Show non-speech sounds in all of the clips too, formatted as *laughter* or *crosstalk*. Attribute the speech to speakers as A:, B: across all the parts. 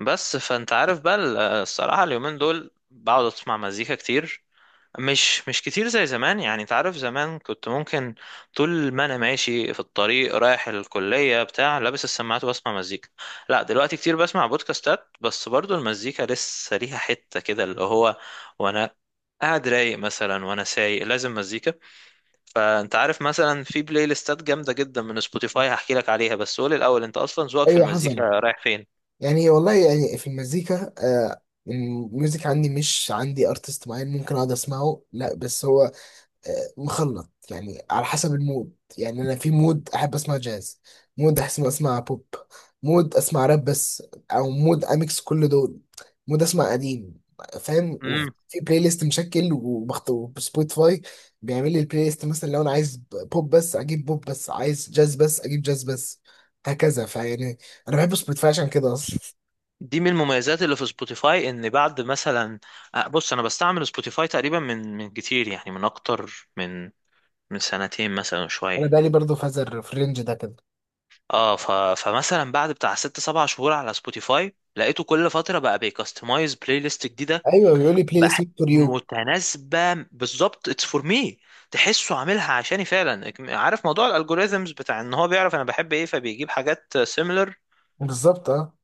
A: بس فانت عارف بقى الصراحة اليومين دول بقعد اسمع مزيكا كتير. مش كتير زي زمان، يعني انت عارف زمان كنت ممكن طول ما انا ماشي في الطريق رايح الكلية بتاع لابس السماعات وبسمع مزيكا. لا دلوقتي كتير بسمع بودكاستات، بس برضو المزيكا لسه ليها حتة كده اللي هو، وانا قاعد رايق مثلا وانا سايق لازم مزيكا. فانت عارف مثلا في بلاي ليستات جامدة جدا من سبوتيفاي، هحكي لك عليها، بس قول الاول انت اصلا ذوقك في
B: ايوه،
A: المزيكا
B: حصل.
A: رايح
B: يعني والله يعني في المزيكا. الميوزك مش عندي ارتست معين ممكن اقعد اسمعه. لا، بس هو مخلط، يعني على حسب المود. يعني انا في مود احب اسمع جاز، مود احب اسمع بوب، مود اسمع راب بس، او مود اميكس كل دول، مود اسمع قديم، فاهم.
A: فين؟
B: وفي بلاي ليست، مشكل، وبخطو سبوتيفاي بيعمل لي البلاي ليست. مثلا لو انا عايز بوب بس اجيب بوب بس، عايز جاز بس اجيب جاز بس، هكذا. فيعني انا بحب سبوتيفاي عشان كده اصلا.
A: دي من المميزات اللي في سبوتيفاي، ان بعد مثلا، آه، بص انا بستعمل سبوتيفاي تقريبا من كتير، يعني من اكتر من سنتين مثلا شوية.
B: انا بقالي برضه فازر في الرينج ده كده.
A: اه فمثلا بعد بتاع ست سبع شهور على سبوتيفاي لقيته كل فترة بقى بيكستمايز بلاي ليست جديدة.
B: ايوه، بيقول لي بلاي
A: بح...
B: ليست فور يو.
A: متناسبة بالظبط، اتس فور مي. تحسه عاملها عشاني فعلا، عارف موضوع الالجوريزمز بتاع ان هو بيعرف انا بحب ايه فبيجيب حاجات similar.
B: بالظبط اه.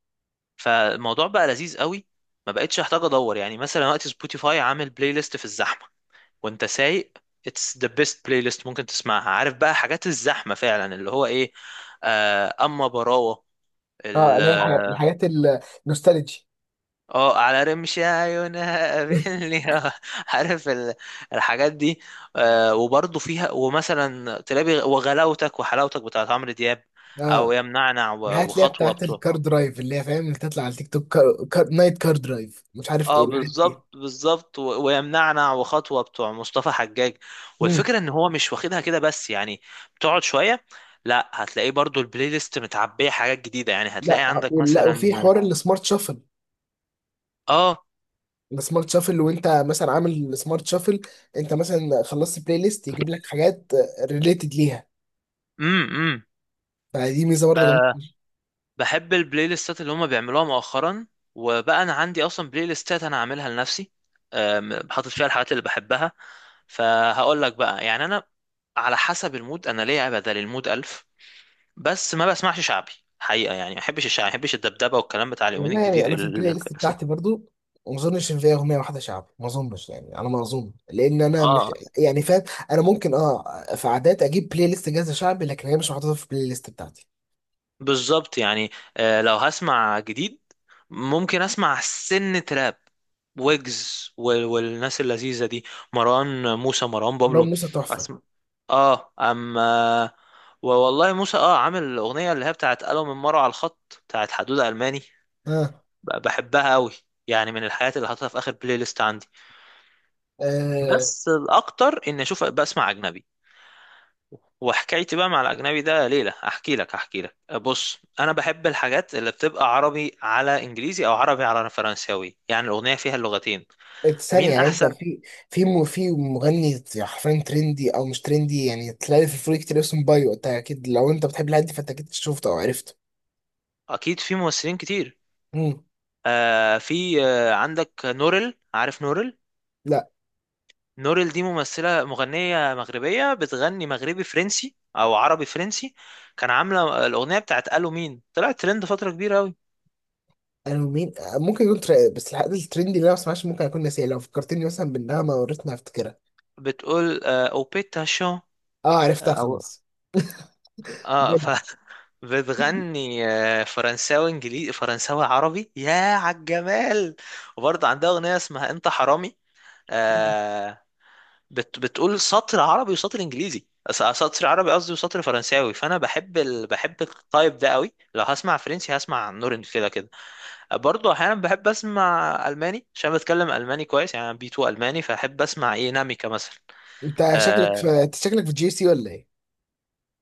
A: فالموضوع بقى لذيذ قوي، ما بقتش احتاج ادور. يعني مثلا وقت سبوتيفاي عامل بلاي ليست في الزحمه وانت سايق، اتس ذا بيست بلاي ليست ممكن تسمعها. عارف بقى حاجات الزحمه فعلا اللي هو ايه. آه، اما براوه.
B: اه، اللي هي الحاجات،
A: ال-
B: النوستالجي.
A: اه آه، على رمش عيونها
B: *laughs*
A: قابلني *laughs* آه، عارف الحاجات دي. آه، وبرضه فيها، ومثلا تلاقي وغلاوتك وحلاوتك بتاعت عمرو دياب، او
B: اه،
A: يمنعنع
B: الحاجات اللي هي
A: وخطوه.
B: بتاعت الكار درايف، اللي هي، فاهم، اللي تطلع على التيك توك. نايت كار درايف، مش عارف ايه
A: اه
B: الحاجات دي.
A: بالظبط بالظبط، ويمنعنا وخطوه بتوع مصطفى حجاج.
B: مم.
A: والفكره ان هو مش واخدها كده بس، يعني بتقعد شويه، لا هتلاقيه برضو البلاي ليست متعبيه حاجات جديده. يعني هتلاقي
B: لا
A: عندك
B: ولا. وفي
A: مثلا،
B: حوار السمارت شافل.
A: اه.
B: السمارت شافل، وانت مثلا عامل سمارت شافل، انت مثلا خلصت بلاي ليست يجيب لك حاجات ريليتد ليها.
A: امم، امم.
B: فدي ميزه برضه.
A: آه، بحب البلاي ليستات اللي هم بيعملوها مؤخرا. وبقى انا عندي اصلا بلاي ليستات انا عاملها لنفسي، آم، حاطط فيها الحاجات اللي بحبها. فهقول لك بقى، يعني انا على حسب المود انا ليا بدل المود 1000. بس ما بسمعش شعبي حقيقة، يعني ما بحبش الشعبي، ما بحبش الدبدبة والكلام بتاع اليومين
B: والله يعني
A: الجديد
B: انا في البلاي ليست
A: القصة.
B: بتاعتي برضو ما اظنش ان فيها اغنيه واحده شعبي، ما اظنش، يعني على ما اظن، لان انا مش،
A: اه
B: يعني، فاهم. انا ممكن في عادات اجيب بلاي ليست جاهزه شعبي، لكن هي مش محطوطه في البلاي ليست بتاعتي.
A: بالظبط. يعني آه، لو هسمع جديد ممكن اسمع سن تراب ويجز والناس اللذيذة دي، مروان موسى، مروان
B: لو
A: بابلو.
B: موسى تحفه.
A: اسمع، اه اما والله موسى، اه عامل الاغنية اللي هي بتاعت قالوا من مرة على الخط بتاعت حدودة الماني،
B: اه
A: بحبها قوي. يعني من الحاجات اللي حاططها في اخر بلاي ليست عندي.
B: آه،
A: بس الاكتر اني اشوف بسمع اجنبي، وحكايتي بقى مع الاجنبي ده ليله. احكي لك. بص، انا بحب الحاجات اللي بتبقى عربي على انجليزي او عربي على فرنساوي، يعني الاغنيه فيها اللغتين
B: الثانية
A: مين
B: يعني. انت
A: احسن.
B: في، في مغني حرفيا ترندي او مش ترندي، يعني تلاقي في الفريق كتير اسمه بايو، انت اكيد لو انت بتحب الهادي فانت اكيد شفته او عرفته.
A: اكيد، في ممثلين كتير.
B: مم.
A: آه، في، آه عندك نورل، عارف نورل؟
B: لا.
A: نورل دي ممثله، مغنيه مغربيه، بتغني مغربي فرنسي او عربي فرنسي. كان عامله الاغنيه بتاعت الو مين، طلعت ترند فتره كبيره قوي.
B: انا مين؟ ممكن يكون بس الحاجات الترندي اللي انا ما بسمعهاش ممكن اكون ناسيها، لو فكرتني مثلا بالنغمه وريتني هفتكرها.
A: بتقول آه اوبيتا شو. آه،
B: اه، عرفتها
A: او
B: خلاص.
A: اه ف
B: ده-
A: *laughs* بتغني آه، فرنساوي انجليزي، فرنساوي عربي، يا عالجمال. وبرضه عندها اغنيه اسمها انت حرامي. آه، بتقول سطر عربي وسطر انجليزي، سطر عربي قصدي وسطر فرنساوي. فانا بحب بحب التايب ده قوي. لو هسمع فرنسي هسمع نورن كده كده. آه، برضه احيانا بحب اسمع الماني عشان بتكلم الماني كويس، يعني أنا بي 2 الماني، فاحب اسمع ايه، ناميكا مثلا. آه.
B: انت شكلك في جي سي ولا ايه؟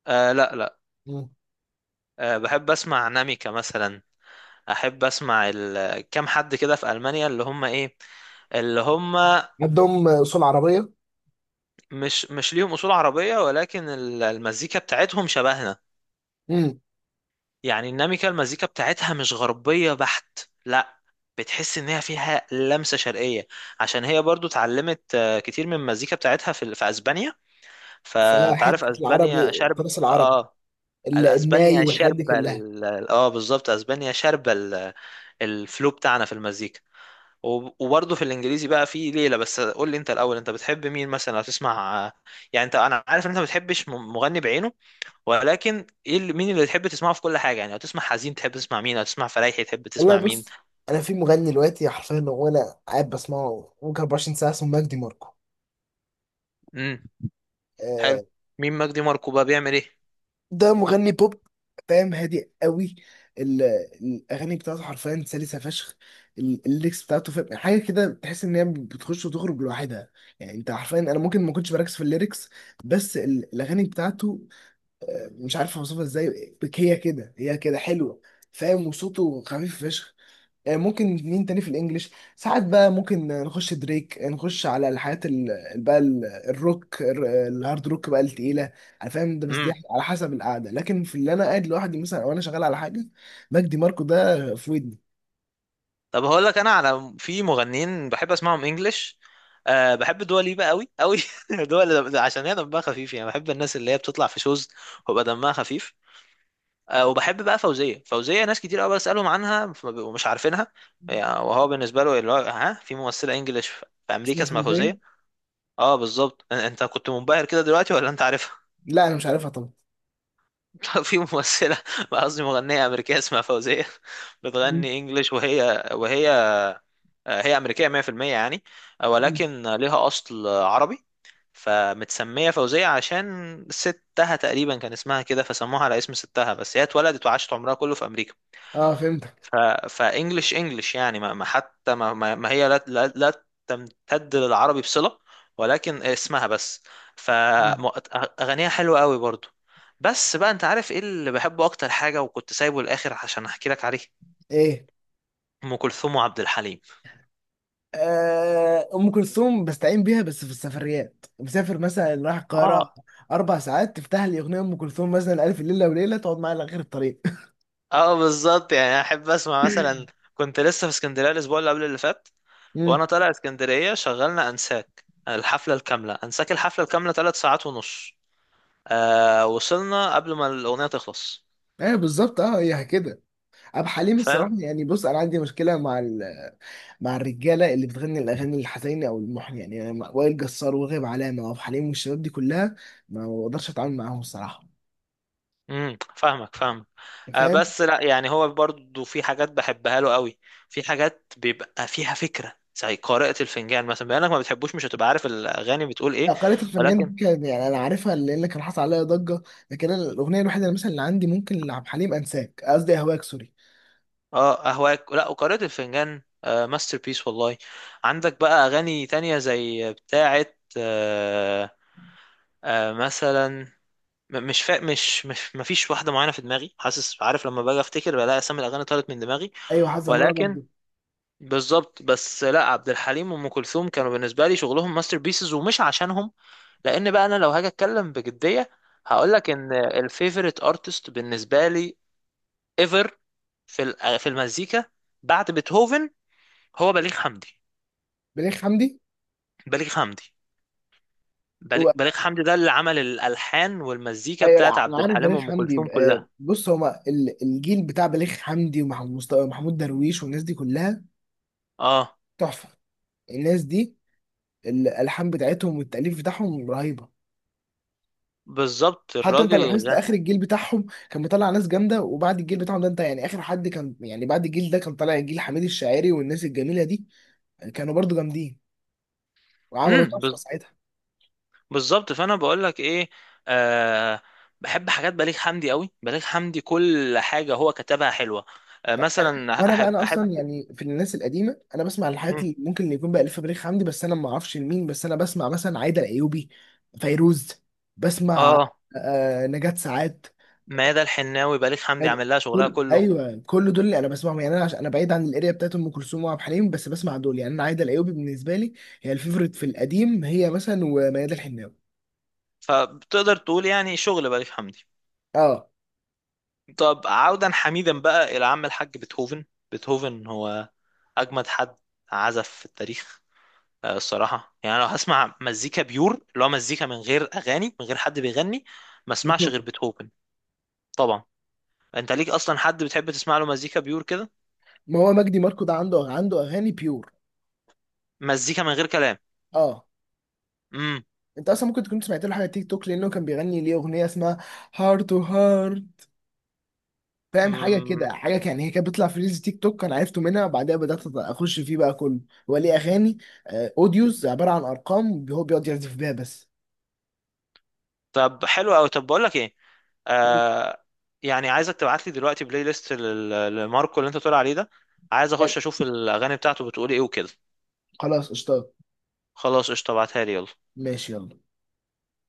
A: آه لا لا.
B: مم.
A: آه بحب اسمع ناميكا مثلا، احب اسمع كام حد كده في المانيا اللي هم ايه، اللي هم،
B: عندهم اصول عربيه.
A: مش ليهم اصول عربيه ولكن المزيكا بتاعتهم شبهنا.
B: امم
A: يعني الناميكا المزيكا بتاعتها مش غربيه بحت، لا، بتحس ان هي فيها لمسه شرقيه. عشان هي برضو اتعلمت، آه، كتير من المزيكا بتاعتها في في اسبانيا. فانت عارف
B: فحته العربي،
A: اسبانيا شرب
B: التراث العربي،
A: اه،
B: الناي
A: الاسبانيا
B: والحاجات دي
A: شاربه
B: كلها.
A: بالظبط، اسبانيا شاربه الفلو بتاعنا في المزيكا. وبرضه في الانجليزي بقى في ليله، بس قول لي انت الاول، انت بتحب مين مثلا لو تسمع؟ يعني انت، انا عارف ان انت ما بتحبش مغني بعينه، ولكن ايه مين اللي تحب تسمعه في كل حاجه. يعني لو تسمع حزين تحب تسمع مين؟ لو تسمع فرايحي تحب
B: والله
A: تسمع مين؟
B: بص، انا في مغني دلوقتي حرفيا وانا قاعد بسمعه، ممكن 24 ساعه، اسمه مجدي ماركو.
A: امم. حلو.
B: آه،
A: مين مجدي ماركو بقى، بيعمل ايه؟
B: ده مغني بوب، فاهم، هادي قوي. ال- الاغاني بتاعته حرفيا سلسه فشخ. الليكس بتاعته، فاهم، حاجه كده، بتحس ان هي بتخش وتخرج لوحدها. يعني انت حرفيا، انا ممكن ما كنتش بركز في الليركس، بس الاغاني بتاعته مش عارف اوصفها ازاي. هي كده هي كده حلوه، فاهم. وصوته خفيف فشخ. ممكن مين تاني في الانجليش. ساعات بقى ممكن نخش دريك، نخش على الحاجات بقى، الروك، الهارد روك بقى، التقيله. انا فاهم ده، بس دي
A: امم.
B: على حسب القعده. لكن في اللي انا قاعد لوحدي مثلا، او انا شغال على حاجه، مجدي ماركو ده في ودني.
A: طب هقول لك انا، في مغنيين بحب اسمعهم انجلش. أه، بحب دوا ليبا قوي قوي *laughs* دول عشان هي دمها خفيف، يعني بحب الناس اللي هي بتطلع في شوز ويبقى دمها خفيف. آه، وبحب بقى فوزية. فوزية ناس كتير قوي بسألهم عنها فما بيبقوا مش عارفينها. يعني وهو بالنسبة له اللي هو، ها، في ممثلة انجليش في
B: اسمها
A: أمريكا اسمها
B: فوزيه؟
A: فوزية. اه بالظبط، انت كنت منبهر كده دلوقتي ولا انت عارفها؟
B: لا، انا مش عارفها طبعا.
A: *laughs* لا، في ممثلة *laughs* قصدي مغنية أمريكية اسمها فوزية *laughs*
B: مم.
A: بتغني انجليش، وهي آه، هي أمريكية 100% يعني. آه،
B: مم.
A: ولكن ليها أصل عربي. فمتسمية فوزية عشان ستها تقريبا كان اسمها كده، فسموها على اسم ستها، بس هي اتولدت وعاشت عمرها كله في أمريكا.
B: اه، فهمتك.
A: فانجلش يعني، ما حتى ما هي لا تمتد للعربي بصلة، ولكن اسمها بس.
B: مم.
A: فاغانيها حلوة قوي برضو. بس بقى، انت عارف ايه اللي بحبه اكتر حاجة وكنت سايبه الاخر عشان احكي لك عليه؟
B: ايه؟
A: ام كلثوم وعبد الحليم.
B: ام كلثوم بستعين بيها بس في السفريات. مسافر مثلا رايح القاهره،
A: اه.
B: اربع ساعات، تفتح لي اغنيه ام كلثوم مثلا الف ليله وليله، تقعد معايا لغير الطريق.
A: اه بالظبط، يعني انا احب اسمع
B: امم،
A: مثلا، كنت لسه في اسكندرية الاسبوع اللي قبل اللي فات، وانا طالع اسكندرية شغلنا انساك الحفلة الكاملة، انساك الحفلة الكاملة 3 ساعات ونص، آه، وصلنا قبل ما الأغنية تخلص.
B: ايوه بالظبط، اه، هي كده. ابو حليم الصراحه
A: فاهم.
B: يعني، بص انا عندي مشكله مع مع الرجاله اللي بتغني الاغاني الحزينه او المحن، يعني أنا وائل جسار وغيب علامه وابو حليم والشباب دي كلها ما بقدرش اتعامل معاهم الصراحه،
A: امم، فاهمك فاهمك. آه
B: فاهم.
A: بس لا، يعني هو برضو في حاجات بحبها له قوي. في حاجات بيبقى فيها فكره زي قارئة الفنجان مثلا، بما انك ما بتحبوش مش هتبقى عارف الاغاني بتقول
B: لا،
A: ايه،
B: قارئة الفنجان
A: ولكن.
B: دي كان، يعني انا عارفها لان كان حصل عليها ضجه. لكن أنا الاغنيه الوحيده اللي مثلا اللي عندي ممكن لعبد الحليم انساك، قصدي اهواك، سوري.
A: اه اهواك، لا وقارئة الفنجان آه، ماستر بيس والله. عندك بقى اغاني تانية زي بتاعه؟ آه، آه مثلا، م- مش فا... مش مش مفيش واحده معينه في دماغي، حاسس، عارف لما باجي افتكر بلاقي اسامي الاغاني طارت من دماغي،
B: ايوه حظا انا
A: ولكن
B: برضه
A: بالظبط. بس لا، عبد الحليم وام كلثوم كانوا بالنسبه لي شغلهم ماستر بيسز، ومش عشانهم، لان بقى انا لو هاجي اتكلم بجديه هقول لك ان الفيفوريت ارتست بالنسبه لي ايفر في في المزيكا بعد بيتهوفن هو بليغ حمدي.
B: بليغ حمدي.
A: بليغ حمدي. بليغ حمدي ده اللي عمل الالحان والمزيكا
B: ايوه،
A: بتاعت
B: لا انا
A: عبد
B: عارف
A: الحليم
B: بليغ
A: وام
B: حمدي.
A: كلثوم كلها.
B: بص هما الجيل بتاع بليغ حمدي، ومحمود محمود درويش، والناس دي كلها
A: اه.
B: تحفه. الناس دي الالحان بتاعتهم والتاليف بتاعهم رهيبه.
A: بالظبط،
B: حتى انت لو
A: الراجل
B: لاحظت، اخر الجيل بتاعهم كان مطلع ناس جامده، وبعد الجيل بتاعهم ده انت يعني، اخر حد كان، يعني بعد الجيل ده كان طالع الجيل حميد الشاعري، والناس الجميله دي كانوا برضو جامدين وعملوا طفره
A: غني.
B: ساعتها.
A: بالظبط، فانا بقول لك ايه، آه بحب حاجات بليغ حمدي قوي. بليغ حمدي كل حاجه هو كتبها حلوه. آه
B: ده أنا،
A: مثلا،
B: وانا بقى
A: احب
B: انا اصلا
A: احب
B: يعني، في الناس القديمه انا بسمع الحاجات
A: مم.
B: اللي ممكن يكون بقى الف بريخ عندي بس انا ما اعرفش لمين، بس انا بسمع مثلا عايده الايوبي، فيروز، بسمع
A: اه،
B: نجاة ساعات.
A: ميادة الحناوي بليغ حمدي عامل لها شغلها كله.
B: ايوه، كل دول اللي انا بسمعهم، يعني انا عشان انا بعيد عن الاريا بتاعت ام كلثوم وعبد الحليم بس بسمع دول، يعني انا عايده الايوبي بالنسبه لي هي الفيفوريت في القديم، هي مثلا وميادة الحناوي.
A: فبتقدر تقول يعني شغل بليغ حمدي.
B: اه،
A: طب عودا حميدا بقى الى عم الحاج بيتهوفن. بيتهوفن هو اجمد حد عزف في التاريخ. آه، الصراحه يعني لو هسمع مزيكا بيور، اللي هو مزيكا من غير اغاني، من غير حد بيغني، ما اسمعش غير بيتهوفن. طبعا انت ليك اصلا حد بتحب تسمع له مزيكا بيور كده،
B: ما هو مجدي ماركو ده عنده اغاني بيور.
A: مزيكا من غير كلام؟
B: اه،
A: امم.
B: انت اصلا ممكن تكون سمعت له حاجه تيك توك، لانه كان بيغني ليه اغنيه اسمها هارت تو هارت، فاهم. حاجه
A: امم.
B: كده، حاجه كان هي كانت بتطلع في ريلز تيك توك، انا عرفته منها، بعدها بدات اخش فيه بقى كله. هو ليه اغاني. اوديوز عباره عن ارقام، هو بيقعد يعزف بيها بس.
A: طب حلو قوي. طب بقول لك ايه، آه، يعني عايزك تبعت لي دلوقتي بلاي ليست لماركو اللي انت بتقول عليه ده، عايز اخش اشوف الاغاني بتاعته بتقول ايه وكده.
B: خلاص قشطه.
A: خلاص قشطه. ابعتها لي يلا.
B: ماشي يلا.